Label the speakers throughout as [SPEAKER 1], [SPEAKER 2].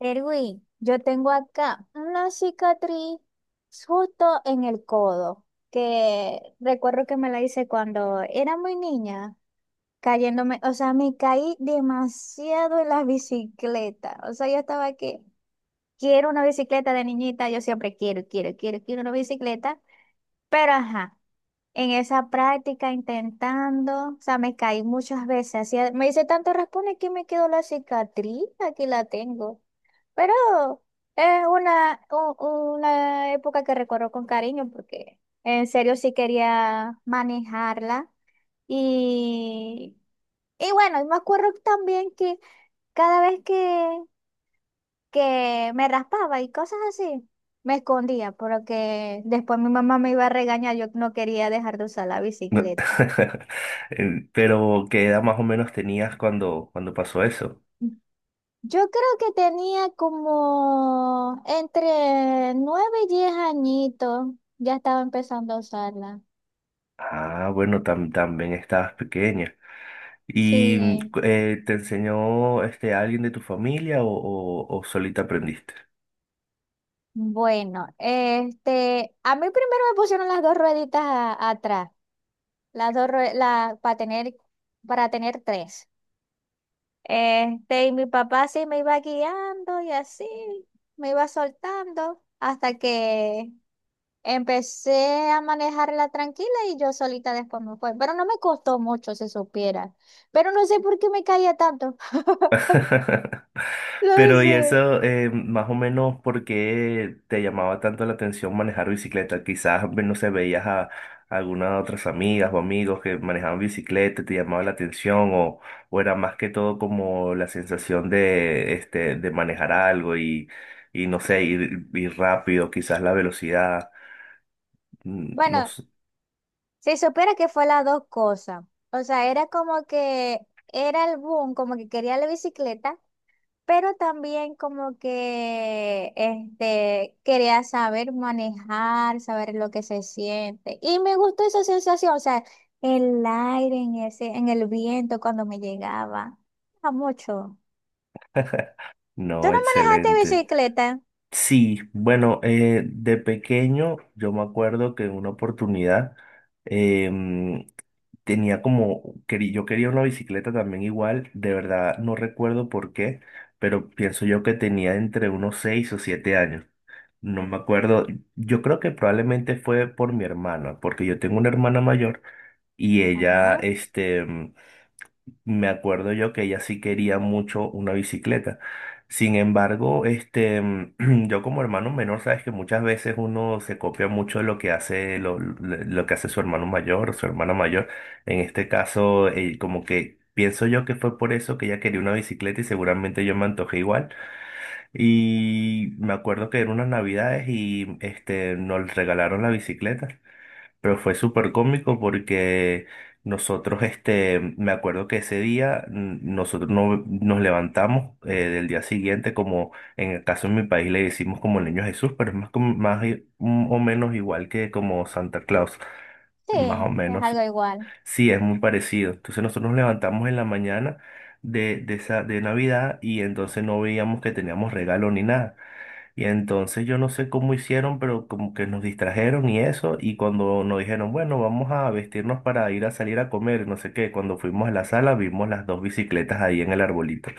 [SPEAKER 1] Erwin, yo tengo acá una cicatriz justo en el codo, que recuerdo que me la hice cuando era muy niña, cayéndome, o sea, me caí demasiado en la bicicleta, o sea, yo estaba que quiero una bicicleta de niñita, yo siempre quiero, quiero, quiero, quiero una bicicleta, pero ajá, en esa práctica intentando, o sea, me caí muchas veces, me hice tanto raspones que me quedó la cicatriz, aquí la tengo. Pero es una época que recuerdo con cariño porque en serio sí quería manejarla. Y, y bueno, me acuerdo también que cada vez que me raspaba y cosas así, me escondía porque después mi mamá me iba a regañar, yo no quería dejar de usar la
[SPEAKER 2] No-
[SPEAKER 1] bicicleta.
[SPEAKER 2] Pero ¿qué edad más o menos tenías cuando pasó eso?
[SPEAKER 1] Yo creo que tenía como entre 9 y 10 añitos, ya estaba empezando a usarla.
[SPEAKER 2] Ah, bueno, también estabas pequeña. ¿Y
[SPEAKER 1] Sí,
[SPEAKER 2] te enseñó este alguien de tu familia o solita aprendiste?
[SPEAKER 1] bueno, este, a mí primero me pusieron las dos rueditas atrás, las dos rue- la, para tener tres. Este, y mi papá sí me iba guiando y así, me iba soltando hasta que empecé a manejarla tranquila y yo solita después me fue. Pero no me costó mucho, se supiera. Pero no sé por qué me caía tanto. No
[SPEAKER 2] Pero y
[SPEAKER 1] sé.
[SPEAKER 2] eso, más o menos, ¿por qué te llamaba tanto la atención manejar bicicleta? Quizás, no sé, veías a, algunas otras amigas o amigos que manejaban bicicleta, te llamaba la atención o era más que todo como la sensación de, este, de manejar algo y no sé, ir rápido, quizás la velocidad. Mm, No,
[SPEAKER 1] Bueno,
[SPEAKER 2] s-
[SPEAKER 1] si supiera que fue las dos cosas. O sea, era como que era el boom, como que quería la bicicleta, pero también como que este, quería saber manejar, saber lo que se siente. Y me gustó esa sensación, o sea, el aire en ese, en el viento cuando me llegaba. A mucho. ¿Tú
[SPEAKER 2] no,
[SPEAKER 1] no manejaste
[SPEAKER 2] excelente.
[SPEAKER 1] bicicleta?
[SPEAKER 2] Sí, bueno, de pequeño yo me acuerdo que en una oportunidad em, tenía como, yo quería una bicicleta también igual, de verdad no recuerdo por qué, pero pienso yo que tenía entre unos 6 o 7 años. No me acuerdo, yo creo que probablemente fue por mi hermana, porque yo tengo una hermana mayor y ella,
[SPEAKER 1] Ajá.
[SPEAKER 2] este, me acuerdo yo que ella sí quería mucho una bicicleta. Sin embargo, este, yo como hermano menor, sabes que muchas veces uno se copia mucho de lo que hace lo que hace su hermano mayor o su hermana mayor. En este caso, como que pienso yo que fue por eso que ella quería una bicicleta y seguramente yo me antojé igual. Y me acuerdo que eran unas navidades y este, nos regalaron la bicicleta. Pero fue súper cómico porque nosotros, este, me acuerdo que ese día nosotros no, nos levantamos del día siguiente, como en el caso de mi país le decimos como el Niño Jesús, pero es más, o menos igual que como Santa Claus,
[SPEAKER 1] Sí,
[SPEAKER 2] más o
[SPEAKER 1] es
[SPEAKER 2] menos.
[SPEAKER 1] algo igual.
[SPEAKER 2] Sí, es muy parecido. Entonces nosotros nos levantamos en la mañana de Navidad y entonces no veíamos que teníamos regalo ni nada. Y entonces yo no sé cómo hicieron, pero como que nos distrajeron y eso, y cuando nos dijeron, bueno, vamos a vestirnos para ir a salir a comer, no sé qué, cuando fuimos a la sala vimos las dos bicicletas ahí en el arbolito.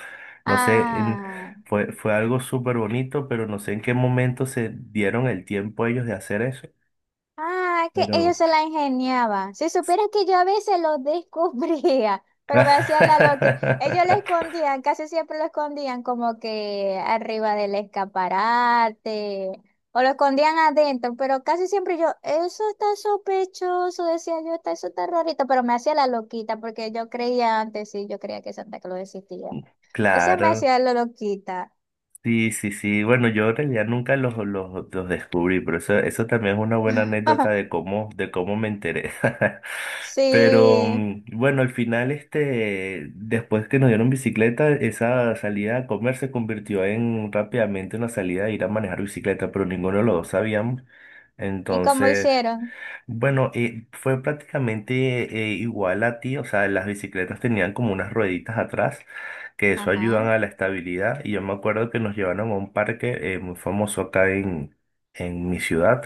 [SPEAKER 2] No sé, en-
[SPEAKER 1] Ah.
[SPEAKER 2] Fue algo súper bonito, pero no sé en qué momento se dieron el tiempo ellos de hacer eso,
[SPEAKER 1] Ah, que
[SPEAKER 2] pero...
[SPEAKER 1] ellos se la ingeniaban. Si supieras que yo a veces lo descubría, pero me hacía la loca. Ellos lo escondían, casi siempre lo escondían como que arriba del escaparate o lo escondían adentro, pero casi siempre yo, eso está sospechoso, decía yo, está, eso está rarito, pero me hacía la loquita porque yo creía antes, sí, yo creía que Santa Claus existía. Entonces me
[SPEAKER 2] Claro,
[SPEAKER 1] hacía la loquita.
[SPEAKER 2] sí, sí, sí. Bueno, yo en realidad nunca los descubrí, pero eso también es una buena anécdota de cómo me enteré. Pero
[SPEAKER 1] Sí,
[SPEAKER 2] bueno, al final, este, después que nos dieron bicicleta, esa salida a comer se convirtió en rápidamente una salida de ir a manejar bicicleta, pero ninguno de los dos sabíamos.
[SPEAKER 1] ¿y cómo
[SPEAKER 2] Entonces,
[SPEAKER 1] hicieron?
[SPEAKER 2] bueno, fue prácticamente igual a ti, o sea, las bicicletas tenían como unas rueditas atrás, que eso
[SPEAKER 1] Ajá.
[SPEAKER 2] ayudan a la estabilidad, y yo me acuerdo que nos llevaron a un parque muy famoso acá en mi ciudad,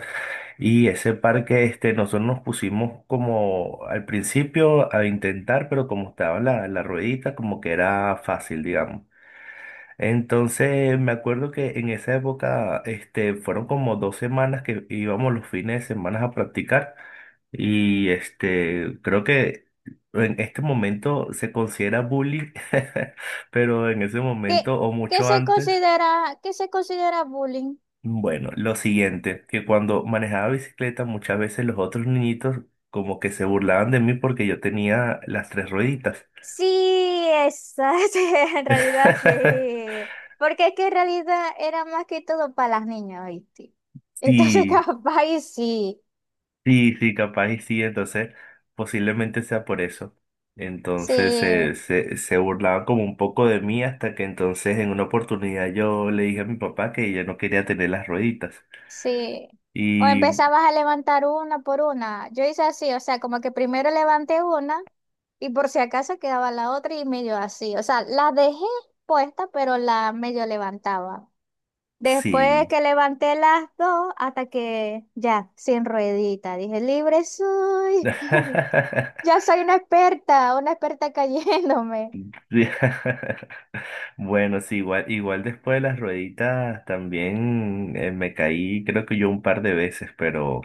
[SPEAKER 2] y ese parque, este, nosotros nos pusimos como al principio a intentar, pero como estaba la ruedita, como que era fácil, digamos. Entonces me acuerdo que en esa época, este, fueron como dos semanas que íbamos los fines de semana a practicar. Y este, creo que en este momento se considera bullying, pero en ese
[SPEAKER 1] ¿Qué,
[SPEAKER 2] momento o mucho antes,
[SPEAKER 1] qué se considera bullying?
[SPEAKER 2] bueno, lo siguiente, que cuando manejaba bicicleta muchas veces los otros niñitos como que se burlaban de mí porque yo tenía las tres rueditas.
[SPEAKER 1] Sí, esa, sí, en realidad sí. Porque es que en realidad era más que todo para las niñas, ¿viste? Entonces,
[SPEAKER 2] Sí,
[SPEAKER 1] capaz y sí,
[SPEAKER 2] sí, sí, capaz y sí, entonces posiblemente sea por eso. Entonces
[SPEAKER 1] sí,
[SPEAKER 2] se burlaban como un poco de mí hasta que entonces en una oportunidad yo le dije a mi papá que ella no quería tener las rueditas.
[SPEAKER 1] sí. O
[SPEAKER 2] Y
[SPEAKER 1] empezabas a levantar una por una. Yo hice así, o sea, como que primero levanté una y por si acaso quedaba la otra y medio así. O sea, la dejé puesta, pero la medio levantaba. Después
[SPEAKER 2] sí.
[SPEAKER 1] que levanté las dos, hasta que ya, sin ruedita, dije, libre soy, ya soy una experta cayéndome.
[SPEAKER 2] Sí. Bueno, sí, igual, igual después de las rueditas también me caí creo que yo un par de veces, pero...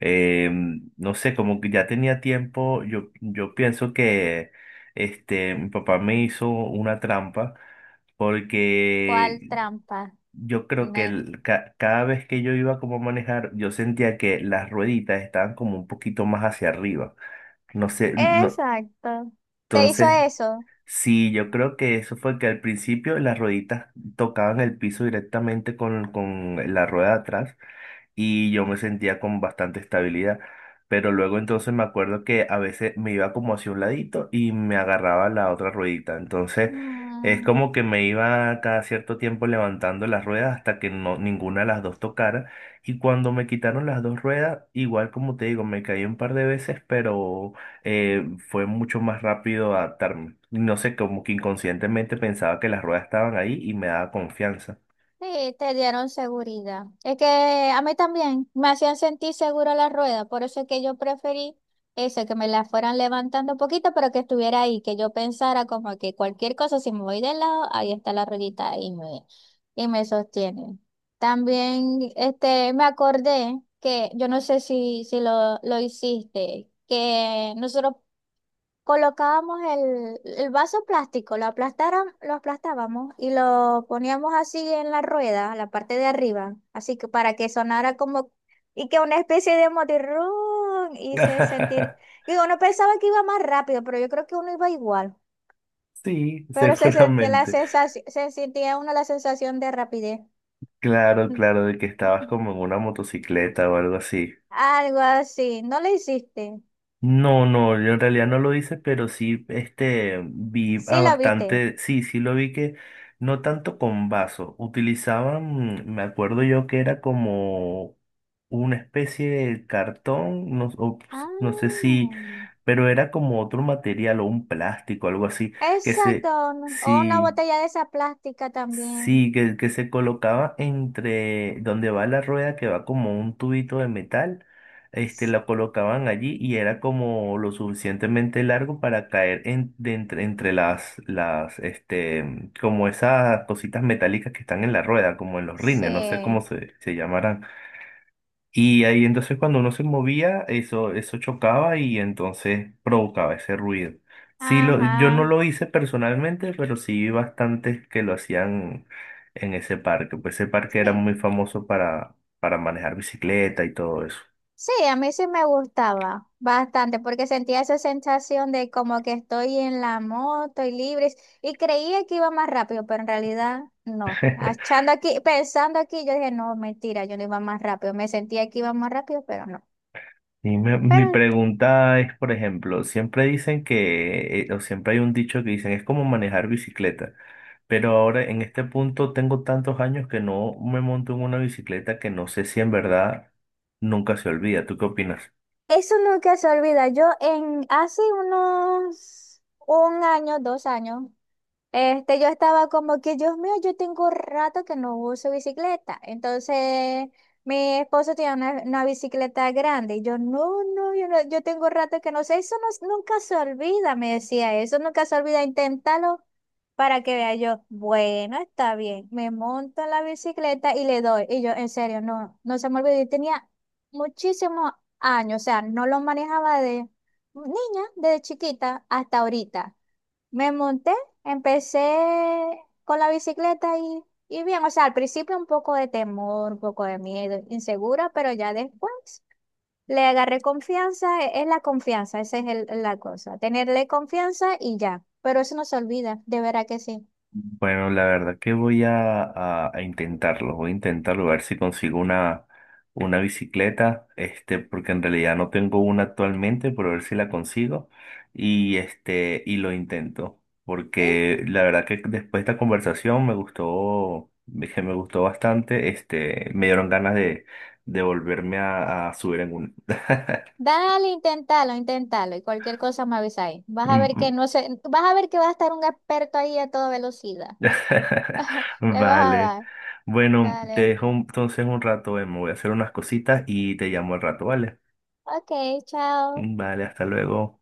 [SPEAKER 2] Eh, no sé, como que ya tenía tiempo, yo pienso que este, mi papá me hizo una trampa
[SPEAKER 1] ¿Cuál
[SPEAKER 2] porque
[SPEAKER 1] trampa?
[SPEAKER 2] yo creo que
[SPEAKER 1] Ne-
[SPEAKER 2] cada vez que yo iba como a manejar, yo sentía que las rueditas estaban como un poquito más hacia arriba. No sé, no,
[SPEAKER 1] Exacto. ¿Te hizo
[SPEAKER 2] entonces,
[SPEAKER 1] eso?
[SPEAKER 2] sí, yo creo que eso fue que al principio las rueditas tocaban el piso directamente con la rueda de atrás y yo me sentía con bastante estabilidad. Pero luego entonces me acuerdo que a veces me iba como hacia un ladito y me agarraba la otra ruedita. Entonces es
[SPEAKER 1] Mm,
[SPEAKER 2] como que me iba cada cierto tiempo levantando las ruedas hasta que no, ninguna de las dos tocara. Y cuando me quitaron las dos ruedas, igual como te digo, me caí un par de veces, pero fue mucho más rápido adaptarme. No sé, como que inconscientemente pensaba que las ruedas estaban ahí y me daba confianza.
[SPEAKER 1] sí, te dieron seguridad. Es que a mí también me hacían sentir segura la rueda, por eso es que yo preferí eso, que me la fueran levantando un poquito, pero que estuviera ahí, que yo pensara como que cualquier cosa, si me voy de lado, ahí está la ruedita y me sostiene. También este, me acordé que, yo no sé si lo hiciste, que nosotros colocábamos el vaso plástico, lo aplastaron, lo aplastábamos y lo poníamos así en la rueda, la parte de arriba, así que para que sonara como y que una especie de motirrón y se sentir. Y uno pensaba que iba más rápido, pero yo creo que uno iba igual.
[SPEAKER 2] Sí,
[SPEAKER 1] Pero se sentía la
[SPEAKER 2] seguramente.
[SPEAKER 1] sensación, se sentía uno la sensación de rapidez.
[SPEAKER 2] Claro, claro, de que estabas como en una motocicleta o algo así.
[SPEAKER 1] Algo así. ¿No lo hiciste?
[SPEAKER 2] No, no, yo en realidad no lo hice, pero sí, este, vi a
[SPEAKER 1] Sí lo viste.
[SPEAKER 2] bastante, sí, sí lo vi que no tanto con vaso, utilizaban, me acuerdo yo que era como una especie de cartón, no,
[SPEAKER 1] Ah.
[SPEAKER 2] no sé si, pero era como otro material o un plástico, algo así, que
[SPEAKER 1] Exacto,
[SPEAKER 2] se,
[SPEAKER 1] o una
[SPEAKER 2] sí.
[SPEAKER 1] botella de esa plástica también.
[SPEAKER 2] Sí, que se colocaba entre donde va la rueda, que va como un tubito de metal, este,
[SPEAKER 1] S-
[SPEAKER 2] la colocaban allí y era como lo suficientemente largo para caer en, de entre, entre este, como esas cositas metálicas que están en la rueda, como en los rines, no sé cómo
[SPEAKER 1] Sí,
[SPEAKER 2] se, se llamarán. Y ahí entonces cuando uno se movía, eso chocaba y entonces provocaba ese ruido. Sí, lo, yo no
[SPEAKER 1] ajá.
[SPEAKER 2] lo hice personalmente, pero sí vi bastantes que lo hacían en ese parque. Pues ese parque era
[SPEAKER 1] Sí.
[SPEAKER 2] muy famoso para manejar bicicleta y todo eso.
[SPEAKER 1] Sí, a mí sí me gustaba bastante porque sentía esa sensación de como que estoy en la moto y libre y creía que iba más rápido, pero en realidad no. Achando aquí, pensando aquí, yo dije, no, mentira, yo no iba más rápido. Me sentía que iba más rápido, pero no.
[SPEAKER 2] Y mi
[SPEAKER 1] Pero
[SPEAKER 2] pregunta es, por ejemplo, siempre dicen que, o siempre hay un dicho que dicen, es como manejar bicicleta, pero ahora en este punto tengo tantos años que no me monto en una bicicleta que no sé si en verdad nunca se olvida. ¿Tú qué opinas?
[SPEAKER 1] eso nunca se olvida. Yo en hace unos un año, 2 años. Este, yo estaba como que, Dios mío, yo tengo rato que no uso bicicleta. Entonces, mi esposo tiene una bicicleta grande. Y yo, no, no, yo no, yo tengo rato que no sé. Eso nunca se olvida, me decía eso, nunca se olvida, inténtalo para que vea yo. Bueno, está bien. Me monto en la bicicleta y le doy. Y yo, en serio, no, no se me olvidó. Y tenía muchísimos años, o sea, no lo manejaba de niña, desde chiquita hasta ahorita. Me monté, empecé con la bicicleta y bien, o sea, al principio un poco de temor, un poco de miedo, insegura, pero ya después le agarré confianza, es la confianza, esa es la cosa, tenerle confianza y ya, pero eso no se olvida, de verdad que sí.
[SPEAKER 2] Bueno, la verdad que voy a, a intentarlo, voy a intentarlo, a ver si consigo una bicicleta, este, porque en realidad no tengo una actualmente, pero a ver si la consigo y este, y lo intento,
[SPEAKER 1] Y
[SPEAKER 2] porque la verdad que después de esta conversación me gustó, dije, me gustó bastante, este, me dieron ganas de volverme a subir en una.
[SPEAKER 1] dale, inténtalo, inténtalo y cualquier cosa me avisa ahí. Vas a ver que no sé, vas a ver que va a estar un experto ahí a toda velocidad. Le vas a
[SPEAKER 2] Vale.
[SPEAKER 1] dar.
[SPEAKER 2] Bueno, te
[SPEAKER 1] Dale.
[SPEAKER 2] dejo entonces un rato, me voy a hacer unas cositas y te llamo al rato, ¿vale?
[SPEAKER 1] Ok, chao.
[SPEAKER 2] Vale, hasta luego.